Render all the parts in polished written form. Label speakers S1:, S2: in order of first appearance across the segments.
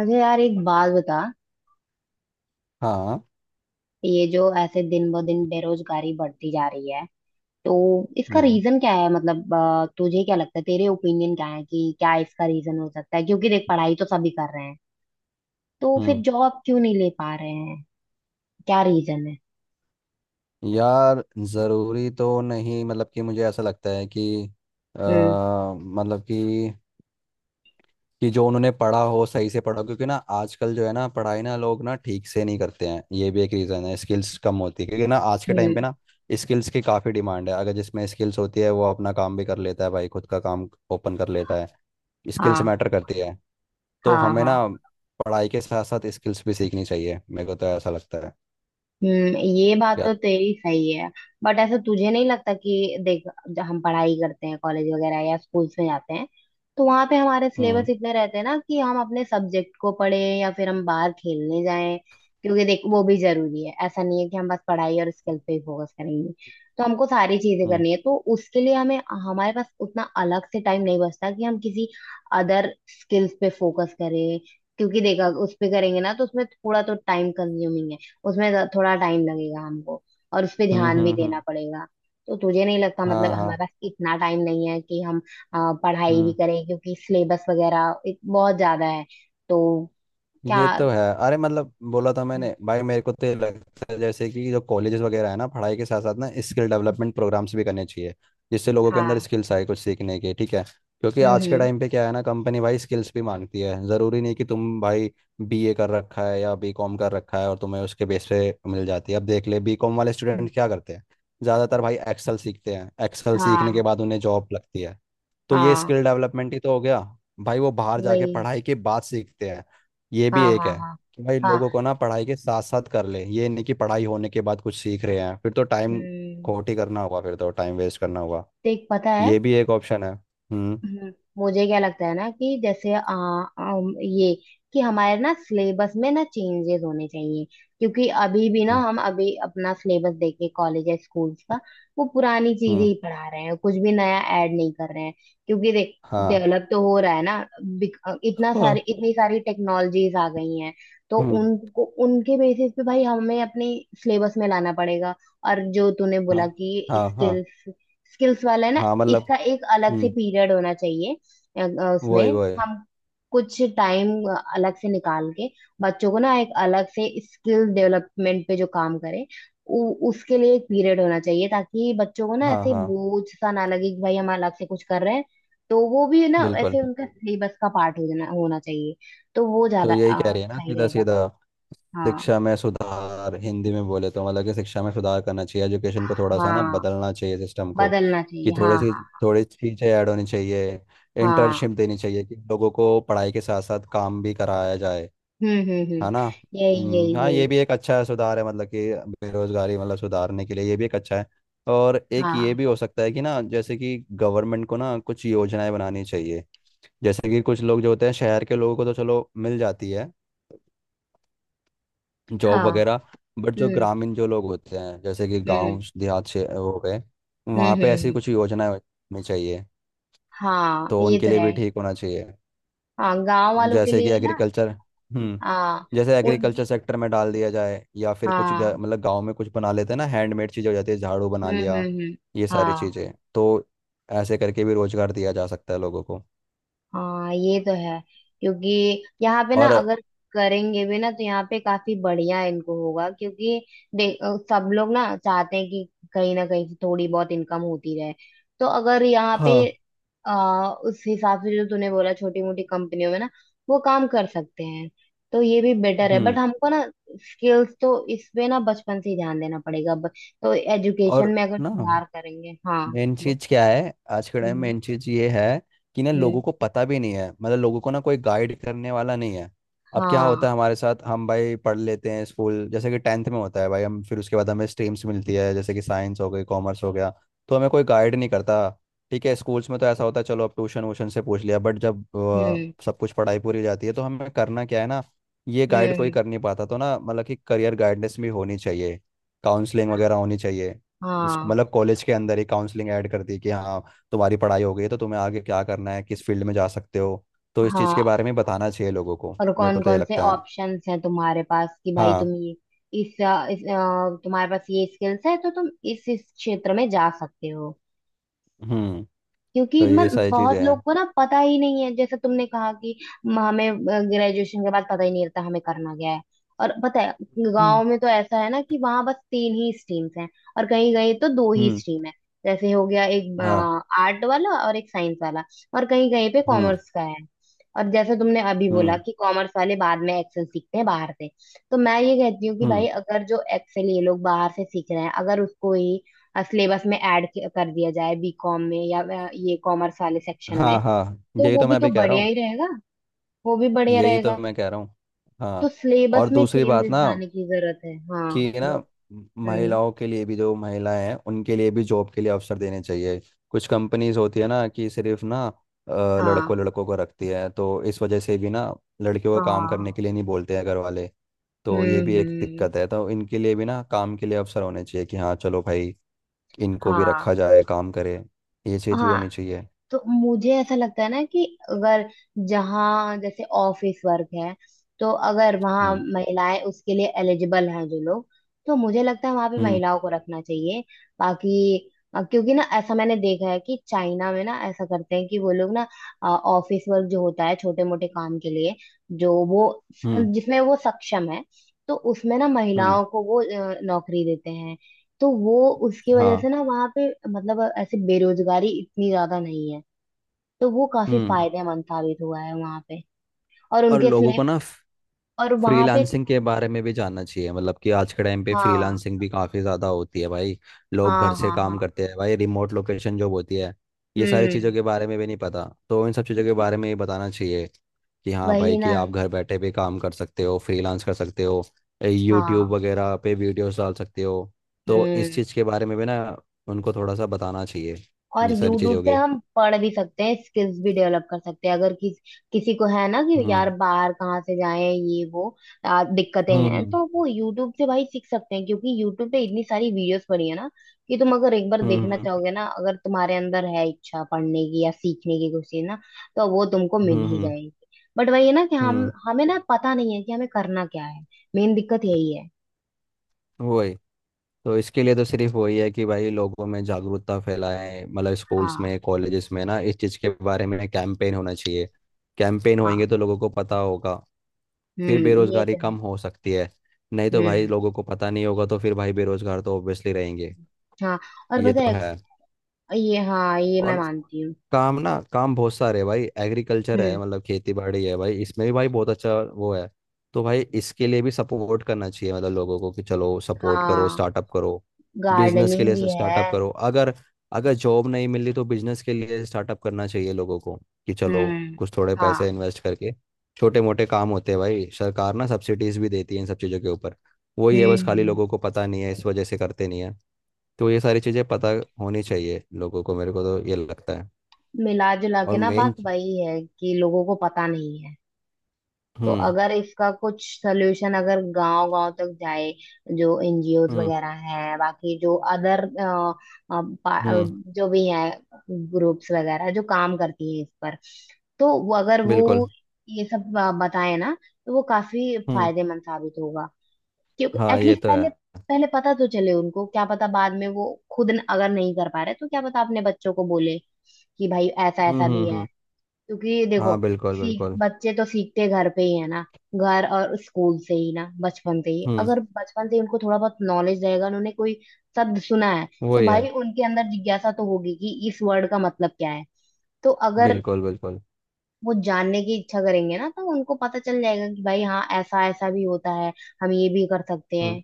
S1: अच्छा यार, एक बात बता।
S2: हाँ।
S1: ये जो ऐसे दिन ब दिन बेरोजगारी बढ़ती जा रही है तो इसका
S2: हम्म।
S1: रीजन क्या है? मतलब तुझे क्या लगता है, तेरे ओपिनियन क्या है कि क्या इसका रीजन हो सकता है? क्योंकि देख, पढ़ाई तो सभी कर रहे हैं तो फिर
S2: हम्म।
S1: जॉब क्यों नहीं ले पा रहे हैं? क्या रीजन है?
S2: यार, ज़रूरी तो नहीं मतलब कि मुझे ऐसा लगता है कि
S1: हम्म।
S2: मतलब कि जो उन्होंने पढ़ा हो सही से पढ़ा हो, क्योंकि ना आजकल जो है ना पढ़ाई ना लोग ना ठीक से नहीं करते हैं। ये भी एक रीज़न है। स्किल्स कम होती है, क्योंकि ना आज के टाइम पे
S1: हम्म।
S2: ना स्किल्स की काफ़ी डिमांड है। अगर जिसमें स्किल्स होती है वो अपना काम भी कर लेता है भाई, खुद का काम ओपन कर लेता है। स्किल्स
S1: हाँ
S2: मैटर करती है। तो
S1: हाँ
S2: हमें
S1: हाँ।
S2: ना पढ़ाई के साथ साथ स्किल्स भी सीखनी चाहिए, मेरे को तो ऐसा लगता है
S1: हम्म, ये बात
S2: यार।
S1: तो तेरी सही है। बट ऐसा तुझे नहीं लगता कि देख, जब हम पढ़ाई करते हैं, कॉलेज वगैरह या स्कूल्स में जाते हैं, तो वहां पे हमारे सिलेबस
S2: हम्म।
S1: इतने रहते हैं ना कि हम अपने सब्जेक्ट को पढ़े या फिर हम बाहर खेलने जाएं। क्योंकि देख, वो भी जरूरी है, ऐसा नहीं है कि हम बस पढ़ाई और स्किल पे ही फोकस करेंगे। तो हमको सारी चीजें
S2: हम्म।
S1: करनी है तो उसके लिए हमें हमारे पास उतना अलग से टाइम नहीं बचता कि हम किसी अदर स्किल्स पे फोकस करें। क्योंकि देखा, उस पे करेंगे ना तो उसमें थोड़ा तो टाइम कंज्यूमिंग है। उसमें थोड़ा टाइम लगेगा हमको और उस पे
S2: हम्म।
S1: ध्यान भी
S2: हम्म।
S1: देना पड़ेगा। तो तुझे नहीं लगता
S2: हाँ,
S1: मतलब
S2: हाँ।
S1: हमारे पास इतना टाइम नहीं है कि हम अ, पढ़ाई भी
S2: हम्म,
S1: करें क्योंकि सिलेबस वगैरह बहुत ज्यादा है? तो क्या?
S2: ये तो है। अरे, मतलब बोला था मैंने भाई, मेरे को तो ये लगता है, जैसे कि जो कॉलेजेस वगैरह है ना पढ़ाई के साथ साथ ना स्किल डेवलपमेंट प्रोग्राम्स भी करने चाहिए, जिससे लोगों के अंदर
S1: हाँ।
S2: स्किल्स आए कुछ सीखने के। ठीक है, क्योंकि
S1: हम्म
S2: आज के
S1: हम्म
S2: टाइम पे क्या है ना, कंपनी भाई स्किल्स भी मांगती है। ज़रूरी नहीं कि तुम भाई बीए कर रखा है या बीकॉम कर रखा है और तुम्हें उसके बेस पे मिल जाती है। अब देख ले, बीकॉम वाले
S1: हम्म,
S2: स्टूडेंट क्या करते हैं, ज़्यादातर भाई एक्सेल सीखते हैं। एक्सेल सीखने
S1: हाँ
S2: के बाद उन्हें जॉब लगती है। तो ये
S1: हाँ।
S2: स्किल डेवलपमेंट ही तो हो गया, भाई वो बाहर जाके
S1: वही।
S2: पढ़ाई के बाद सीखते हैं। ये भी
S1: हाँ
S2: एक
S1: हाँ
S2: है,
S1: हाँ
S2: कि भाई
S1: हाँ।
S2: लोगों को ना पढ़ाई के साथ साथ कर ले, ये नहीं कि पढ़ाई होने के बाद कुछ सीख रहे हैं, फिर तो टाइम
S1: हम्म,
S2: खोटी करना होगा, फिर तो टाइम वेस्ट करना होगा।
S1: देख पता है।
S2: ये भी एक ऑप्शन है। हम्म।
S1: हम्म, मुझे क्या लगता है ना कि जैसे ये कि हमारे ना सिलेबस में ना चेंजेस होने चाहिए। क्योंकि अभी भी ना,
S2: हम्म।
S1: हम अभी अपना सिलेबस देखे कॉलेज या स्कूल्स का, वो पुरानी चीजें
S2: हम्म।
S1: ही पढ़ा रहे हैं, कुछ भी नया ऐड नहीं कर रहे हैं। क्योंकि देख,
S2: हाँ,
S1: डेवलप तो हो रहा है ना। इतना सारी
S2: हाँ।
S1: इतनी सारी टेक्नोलॉजीज आ गई हैं तो
S2: हम्म।
S1: उनको उनके बेसिस पे भाई हमें अपने सिलेबस में लाना पड़ेगा। और जो तूने
S2: हाँ,
S1: बोला कि
S2: हाँ, हाँ।
S1: स्किल्स, स्किल्स वाला है ना,
S2: हाँ मतलब।
S1: इसका एक अलग से
S2: हम्म।
S1: पीरियड होना चाहिए।
S2: वही
S1: उसमें
S2: वही।
S1: हम कुछ टाइम अलग से निकाल के बच्चों को ना एक अलग से स्किल डेवलपमेंट पे जो काम करे, उसके लिए एक पीरियड होना चाहिए ताकि बच्चों को ना
S2: हाँ,
S1: ऐसे
S2: हाँ।
S1: बोझ सा ना लगे कि भाई हम अलग से कुछ कर रहे हैं। तो वो भी ना
S2: बिल्कुल।
S1: ऐसे उनका सिलेबस का पार्ट हो जाना होना चाहिए। तो वो
S2: तो
S1: ज्यादा
S2: यही कह रही है ना,
S1: सही
S2: सीधा
S1: रहेगा।
S2: सीधा
S1: हाँ
S2: शिक्षा में सुधार, हिंदी में बोले तो। मतलब कि शिक्षा में सुधार करना चाहिए, एजुकेशन को थोड़ा सा ना
S1: हाँ,
S2: बदलना चाहिए सिस्टम को,
S1: बदलना
S2: कि
S1: चाहिए, हाँ
S2: थोड़ी सी
S1: हाँ
S2: थोड़ी चीज़ें ऐड होनी चाहिए।
S1: हाँ।
S2: इंटर्नशिप देनी चाहिए, कि लोगों को पढ़ाई के साथ साथ काम भी कराया जाए,
S1: हम्म।
S2: है ना।
S1: यही यही
S2: हाँ ये
S1: यही।
S2: भी एक अच्छा सुधार है, मतलब कि बेरोजगारी मतलब सुधारने के लिए ये भी एक अच्छा है। और एक ये
S1: हाँ
S2: भी हो सकता है कि ना, जैसे कि गवर्नमेंट को ना कुछ योजनाएं बनानी चाहिए। जैसे कि कुछ लोग जो होते हैं शहर के, लोगों को तो चलो मिल जाती है जॉब
S1: हाँ।
S2: वगैरह। बट जो
S1: हम्म
S2: ग्रामीण जो लोग होते हैं जैसे कि
S1: हम्म
S2: गांव देहात से हो गए,
S1: हम्म।
S2: वहाँ पे ऐसी कुछ योजनाएं होनी चाहिए,
S1: हाँ
S2: तो
S1: ये
S2: उनके
S1: तो
S2: लिए
S1: है।
S2: भी ठीक होना चाहिए।
S1: हाँ, गांव वालों के
S2: जैसे कि
S1: लिए ना।
S2: एग्रीकल्चर। हम्म।
S1: हाँ।
S2: जैसे एग्रीकल्चर
S1: उनकी।
S2: सेक्टर में डाल दिया जाए या फिर कुछ
S1: हाँ।
S2: मतलब गांव में कुछ बना लेते हैं ना, हैंडमेड चीज़ें हो जाती है, झाड़ू बना लिया,
S1: हम्म।
S2: ये सारी
S1: हाँ।
S2: चीज़ें तो। ऐसे करके भी रोजगार दिया जा सकता है लोगों को।
S1: हाँ ये तो है। क्योंकि यहाँ पे ना
S2: और।
S1: अगर करेंगे भी ना तो यहाँ पे काफी बढ़िया इनको होगा। क्योंकि देख सब लोग ना चाहते हैं कि कहीं ना कहीं से थोड़ी बहुत इनकम होती रहे। तो अगर यहाँ पे
S2: हाँ।
S1: उस हिसाब से, जो तूने बोला, छोटी मोटी कंपनियों में ना वो काम कर सकते हैं तो ये भी बेटर है।
S2: हम्म।
S1: बट हमको ना स्किल्स तो इसमें ना बचपन से ही ध्यान देना पड़ेगा। तो एजुकेशन
S2: और
S1: में अगर
S2: ना
S1: सुधार करेंगे, हाँ
S2: मेन चीज क्या है आज के
S1: हम्म
S2: टाइम,
S1: हम्म
S2: मेन चीज ये है कि ना लोगों
S1: हम्म,
S2: को पता भी नहीं है, मतलब लोगों को ना कोई गाइड करने वाला नहीं है। अब क्या होता
S1: हाँ।
S2: है हमारे साथ, हम भाई पढ़ लेते हैं स्कूल, जैसे कि टेंथ में होता है भाई, हम फिर उसके बाद हमें स्ट्रीम्स मिलती है जैसे कि साइंस हो गई, कॉमर्स हो गया, तो हमें कोई गाइड नहीं करता। ठीक है, स्कूल्स में तो ऐसा होता है, चलो अब ट्यूशन वूशन से पूछ लिया। बट जब
S1: हम्म
S2: सब कुछ पढ़ाई पूरी हो जाती है तो हमें करना क्या है ना, ये गाइड कोई
S1: हम्म।
S2: कर नहीं पाता। तो ना मतलब कि करियर गाइडेंस भी होनी चाहिए, काउंसलिंग वगैरह होनी चाहिए। इसको
S1: हाँ
S2: मतलब कॉलेज के अंदर ही काउंसलिंग ऐड कर दी, कि हाँ तुम्हारी पढ़ाई हो गई है तो तुम्हें आगे क्या करना है, किस फील्ड में जा सकते हो, तो इस चीज़ के
S1: हाँ।
S2: बारे में बताना चाहिए लोगों को,
S1: और
S2: मेरे
S1: कौन
S2: को तो ये
S1: कौन से
S2: लगता है।
S1: ऑप्शंस हैं तुम्हारे पास कि भाई तुम
S2: हाँ।
S1: ये तुम्हारे पास ये स्किल्स है तो तुम इस क्षेत्र में जा सकते हो।
S2: हम्म।
S1: क्योंकि
S2: तो ये
S1: मन
S2: सारी
S1: बहुत
S2: चीज़ें हैं।
S1: लोग को ना पता ही नहीं है, जैसे तुमने कहा कि हमें ग्रेजुएशन के बाद पता ही नहीं रहता हमें करना क्या है। और पता है, गांव
S2: हम्म।
S1: में तो ऐसा है ना कि वहां बस 3 ही स्ट्रीम्स हैं, और कहीं कहीं तो 2 ही
S2: हम्म।
S1: स्ट्रीम है। जैसे हो गया एक
S2: हाँ।
S1: आर्ट वाला और एक साइंस वाला, और कहीं कहीं पे
S2: हम्म।
S1: कॉमर्स का है। और जैसे तुमने अभी बोला
S2: हम्म।
S1: कि कॉमर्स वाले बाद में एक्सेल सीखते हैं बाहर से, तो मैं ये कहती हूँ कि भाई
S2: हम्म।
S1: अगर जो एक्सेल ये लोग बाहर से सीख रहे हैं, अगर उसको ही सिलेबस में ऐड कर दिया जाए बीकॉम में या ये कॉमर्स वाले सेक्शन में,
S2: हाँ, हाँ,
S1: तो
S2: यही
S1: वो
S2: तो मैं
S1: भी तो
S2: अभी कह रहा
S1: बढ़िया
S2: हूँ।
S1: ही रहेगा। वो भी बढ़िया
S2: यही तो
S1: रहेगा।
S2: मैं कह रहा हूँ। हाँ।
S1: तो सिलेबस
S2: और
S1: में
S2: दूसरी बात
S1: चेंजेस
S2: ना,
S1: लाने की जरूरत है, हाँ।
S2: कि ना
S1: हम्म।
S2: महिलाओं के लिए भी, जो महिलाएं हैं उनके लिए भी जॉब के लिए अवसर देने चाहिए। कुछ कंपनीज होती है ना कि सिर्फ ना लड़कों
S1: हाँ
S2: लड़कों को रखती है, तो इस वजह से भी ना लड़कियों को काम करने
S1: हाँ।
S2: के लिए नहीं बोलते हैं घर वाले। तो
S1: हम्म
S2: ये भी एक
S1: हम्म,
S2: दिक्कत है, तो इनके लिए भी ना काम के लिए अवसर होने चाहिए, कि हाँ चलो भाई इनको भी
S1: हाँ
S2: रखा जाए, काम करे, ये चीज़ भी
S1: हाँ।
S2: होनी चाहिए।
S1: तो मुझे ऐसा लगता है ना कि अगर जहाँ जैसे ऑफिस वर्क है, तो अगर वहाँ
S2: हम्म।
S1: महिलाएं उसके लिए एलिजिबल हैं, जो लोग, तो मुझे लगता है वहाँ पे
S2: हम्म।
S1: महिलाओं को रखना चाहिए। बाकी क्योंकि ना ऐसा मैंने देखा है कि चाइना में ना ऐसा करते हैं कि वो लोग ना ऑफिस वर्क जो होता है, छोटे मोटे काम के लिए, जो वो,
S2: हम्म।
S1: जिसमें वो सक्षम है, तो उसमें ना
S2: हम्म।
S1: महिलाओं को वो नौकरी देते हैं। तो वो उसकी वजह
S2: हाँ।
S1: से ना वहाँ पे मतलब ऐसे बेरोजगारी इतनी ज्यादा नहीं है। तो वो काफी
S2: हम्म।
S1: फायदेमंद साबित हुआ है वहां पे। और
S2: और
S1: उनके
S2: लोगों
S1: स्लेव
S2: को ना
S1: और वहां पे,
S2: फ्रीलांसिंग के बारे में भी जानना चाहिए, मतलब कि आज के टाइम पे
S1: हाँ
S2: फ्रीलांसिंग भी काफ़ी ज़्यादा होती है भाई, लोग घर
S1: हाँ
S2: से
S1: हाँ।
S2: काम
S1: हाँ।
S2: करते हैं भाई, रिमोट लोकेशन जॉब होती है। ये सारी
S1: हम्म।
S2: चीज़ों के बारे में भी नहीं पता, तो इन सब चीज़ों के बारे में ये बताना चाहिए, कि हाँ भाई,
S1: वही
S2: कि
S1: ना।
S2: आप घर बैठे भी काम कर सकते हो, फ्रीलांस कर सकते हो, यूट्यूब
S1: हाँ।
S2: वगैरह पे वीडियोस डाल सकते हो। तो इस
S1: हम्म।
S2: चीज़ के बारे में भी ना उनको थोड़ा सा बताना चाहिए।
S1: और
S2: ये सारी
S1: यूट्यूब
S2: चीज़ों
S1: से
S2: के।
S1: हम पढ़ भी सकते हैं, स्किल्स भी डेवलप कर सकते हैं। अगर किस, किसी को है ना कि
S2: हम्म।
S1: यार बाहर कहाँ से जाए ये वो दिक्कतें हैं,
S2: हम्म।
S1: तो वो यूट्यूब से भाई सीख सकते हैं। क्योंकि यूट्यूब पे इतनी सारी वीडियोस पड़ी है ना कि तुम अगर एक बार
S2: हम्म।
S1: देखना
S2: हम्म।
S1: चाहोगे ना, अगर तुम्हारे अंदर है इच्छा पढ़ने की या सीखने की कुछ चीज ना, तो वो तुमको मिल
S2: हम्म।
S1: ही
S2: हम्म।
S1: जाएगी। बट वही है ना कि हम
S2: हम्म,
S1: हमें ना पता नहीं है कि हमें करना क्या है। मेन दिक्कत यही है।
S2: वही। तो इसके लिए तो सिर्फ वही है कि भाई लोगों में जागरूकता फैलाएं, मतलब स्कूल्स
S1: हाँ।
S2: में, कॉलेजेस में ना इस चीज़ के बारे में कैंपेन होना चाहिए। कैंपेन होएंगे
S1: हाँ।
S2: तो लोगों को पता होगा, फिर
S1: ये
S2: बेरोजगारी
S1: तो है।
S2: कम हो सकती है। नहीं तो भाई
S1: हम्म।
S2: लोगों को पता नहीं होगा तो फिर भाई बेरोजगार तो ऑब्वियसली रहेंगे।
S1: हाँ। और
S2: ये
S1: पता
S2: तो
S1: है,
S2: है।
S1: ये हाँ, ये मैं
S2: और
S1: मानती हूँ।
S2: काम ना, काम बहुत सारे है भाई। एग्रीकल्चर है,
S1: हम्म।
S2: मतलब खेती बाड़ी है भाई, इसमें भी भाई बहुत अच्छा वो है। तो भाई इसके लिए भी सपोर्ट करना चाहिए मतलब लोगों को, कि चलो सपोर्ट करो,
S1: हाँ,
S2: स्टार्टअप करो, बिजनेस के
S1: गार्डनिंग
S2: लिए
S1: भी
S2: स्टार्टअप
S1: है।
S2: करो। अगर अगर जॉब नहीं मिल रही तो बिजनेस के लिए स्टार्टअप करना चाहिए लोगों को, कि चलो
S1: हम्म।
S2: कुछ थोड़े पैसे
S1: हाँ।
S2: इन्वेस्ट करके छोटे मोटे काम होते हैं भाई। सरकार ना सब्सिडीज भी देती है इन सब चीज़ों के ऊपर। वही है,
S1: हम्म
S2: बस खाली लोगों
S1: हम्म।
S2: को पता नहीं है, इस वजह से करते नहीं है। तो ये सारी चीज़ें पता होनी चाहिए लोगों को, मेरे को तो ये लगता है।
S1: मिला जुला के
S2: और
S1: ना बात
S2: मेन।
S1: वही है कि लोगों को पता नहीं है। तो
S2: हम्म।
S1: अगर इसका कुछ सल्यूशन अगर गांव गांव तक जाए, जो एनजीओ
S2: हम्म।
S1: वगैरह हैं, बाकी जो अदर
S2: हम्म।
S1: जो भी हैं, ग्रुप्स वगैरह जो काम करती है इस पर, तो वो अगर
S2: बिल्कुल।
S1: वो ये सब बताए ना, तो वो काफी
S2: हम्म।
S1: फायदेमंद साबित होगा। क्योंकि
S2: हाँ, ये
S1: एटलीस्ट
S2: तो है।
S1: पहले, पहले पता तो चले उनको। क्या पता बाद में वो खुद अगर नहीं कर पा रहे तो क्या पता अपने बच्चों को बोले कि भाई ऐसा
S2: हम्म।
S1: ऐसा भी
S2: हम्म।
S1: है।
S2: हम्म।
S1: क्योंकि देखो,
S2: हाँ, बिल्कुल
S1: सीख
S2: बिल्कुल।
S1: बच्चे तो सीखते घर पे ही है ना, घर और स्कूल से ही ना, बचपन से ही।
S2: हम्म।
S1: अगर बचपन से ही उनको थोड़ा बहुत नॉलेज रहेगा, उन्होंने कोई शब्द सुना है तो
S2: वही
S1: भाई
S2: है।
S1: उनके अंदर जिज्ञासा तो होगी कि इस वर्ड का मतलब क्या है। तो अगर
S2: बिल्कुल बिल्कुल।
S1: वो जानने की इच्छा करेंगे ना, तो उनको पता चल जाएगा कि भाई हाँ ऐसा ऐसा भी होता है, हम ये भी कर सकते
S2: हम्म।
S1: हैं।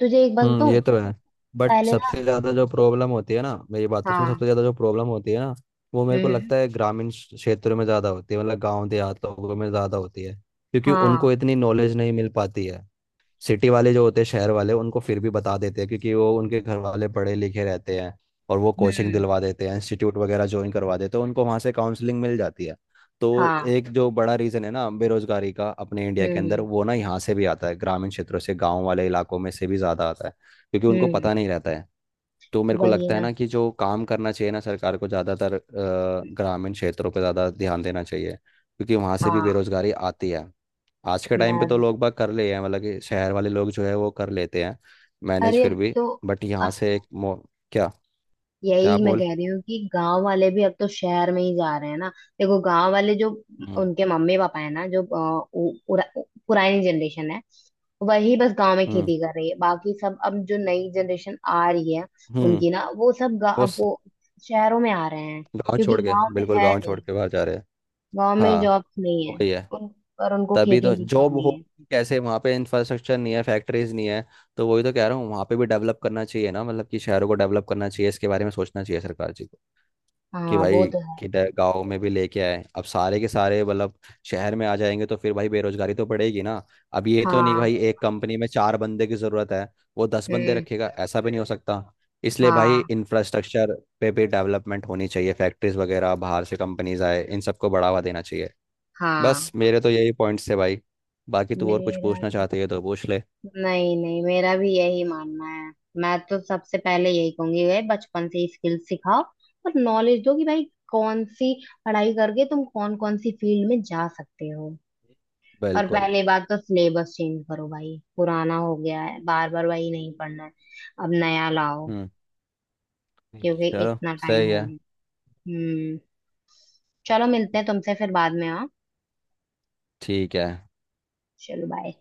S1: तुझे एक बात
S2: हम्म,
S1: बताऊं?
S2: ये तो है। बट
S1: पहले ना,
S2: सबसे ज़्यादा जो प्रॉब्लम होती है ना, मैं ये बात तो सुन,
S1: हाँ।
S2: सबसे ज़्यादा जो प्रॉब्लम होती है ना, वो मेरे को
S1: हम्म।
S2: लगता है ग्रामीण क्षेत्रों में ज़्यादा होती है, मतलब गांव देहात लोगों में ज़्यादा होती है, क्योंकि
S1: हाँ।
S2: उनको इतनी नॉलेज नहीं मिल पाती है। सिटी वाले जो होते हैं, शहर वाले, उनको फिर भी बता देते हैं क्योंकि वो उनके घर वाले पढ़े लिखे रहते हैं, और वो कोचिंग
S1: हम्म।
S2: दिलवा देते हैं, इंस्टीट्यूट वगैरह ज्वाइन करवा देते हैं, उनको वहाँ से काउंसलिंग मिल जाती है। तो
S1: हाँ।
S2: एक जो बड़ा रीज़न है ना बेरोजगारी का अपने इंडिया के अंदर,
S1: हम्म
S2: वो ना यहाँ से भी आता है, ग्रामीण क्षेत्रों से, गाँव वाले इलाकों में से भी ज़्यादा आता है, क्योंकि उनको
S1: हम्म।
S2: पता नहीं रहता है। तो मेरे को
S1: वही
S2: लगता है
S1: ना।
S2: ना कि जो काम करना चाहिए ना सरकार को, ज़्यादातर ग्रामीण क्षेत्रों पर ज़्यादा ध्यान देना चाहिए, क्योंकि वहाँ से भी
S1: हाँ।
S2: बेरोजगारी आती है। आज के टाइम पे तो
S1: मैं,
S2: लोग बाग कर लिए हैं, मतलब कि शहर वाले लोग जो है वो कर लेते हैं, मैनेज
S1: अरे
S2: फिर
S1: अब
S2: भी।
S1: तो,
S2: बट यहाँ
S1: अब
S2: से एक मो क्या। क्या
S1: यही मैं
S2: बोल।
S1: कह रही हूँ कि गांव वाले भी अब तो शहर में ही जा रहे हैं ना। देखो गांव वाले, जो
S2: हम्म।
S1: उनके मम्मी पापा है ना, जो पुरानी जनरेशन है, वही बस गांव में
S2: हम्म।
S1: खेती कर रही है। बाकी सब अब जो नई जनरेशन आ रही है,
S2: हम्म।
S1: उनकी ना वो सब
S2: वो स-
S1: वो शहरों में आ रहे हैं
S2: गाँव
S1: क्योंकि
S2: छोड़ के,
S1: गांव में
S2: बिल्कुल
S1: है
S2: गाँव छोड़
S1: नहीं,
S2: के बाहर जा रहे हैं।
S1: गांव में
S2: हाँ।
S1: जॉब्स नहीं है।
S2: वही है।
S1: उन पर उनको
S2: तभी
S1: खेती
S2: तो
S1: नहीं
S2: जॉब
S1: करनी
S2: हो
S1: है।
S2: कैसे, वहाँ पे इंफ्रास्ट्रक्चर नहीं है, फैक्ट्रीज नहीं है। तो वही तो कह रहा हूँ, वहाँ पे भी डेवलप करना चाहिए ना, मतलब कि शहरों को डेवलप करना चाहिए, इसके बारे में सोचना चाहिए सरकार जी को, कि
S1: हाँ वो
S2: भाई
S1: तो है।
S2: किधर गांव में भी लेके आए। अब सारे के सारे मतलब शहर में आ जाएंगे तो फिर भाई बेरोजगारी तो पड़ेगी ना। अब ये तो नहीं
S1: हाँ।
S2: भाई, एक कंपनी में चार बंदे की जरूरत है वो दस बंदे
S1: हम्म।
S2: रखेगा, ऐसा भी नहीं हो सकता। इसलिए भाई
S1: हाँ
S2: इंफ्रास्ट्रक्चर पे भी डेवलपमेंट होनी चाहिए, फैक्ट्रीज वगैरह, बाहर से कंपनीज आए, इन सबको बढ़ावा देना चाहिए। बस
S1: हाँ।
S2: मेरे तो यही पॉइंट्स थे भाई, बाकी तू और कुछ
S1: मेरा,
S2: पूछना चाहते है तो पूछ ले।
S1: नहीं नहीं, मेरा भी यही मानना है। मैं तो सबसे पहले यही कहूंगी भाई, बचपन से ही स्किल सिखाओ और नॉलेज दो कि भाई कौन सी पढ़ाई करके तुम कौन कौन सी फील्ड में जा सकते हो। और
S2: बिल्कुल।
S1: पहली बात तो सिलेबस चेंज करो भाई, पुराना हो गया है, बार बार वही नहीं पढ़ना है, अब नया लाओ।
S2: हम्म।
S1: क्योंकि
S2: चलो
S1: इतना टाइम
S2: सही
S1: हो
S2: है।
S1: गया। हम्म। चलो मिलते हैं तुमसे फिर बाद में, हाँ।
S2: ठीक है।
S1: चलो बाय।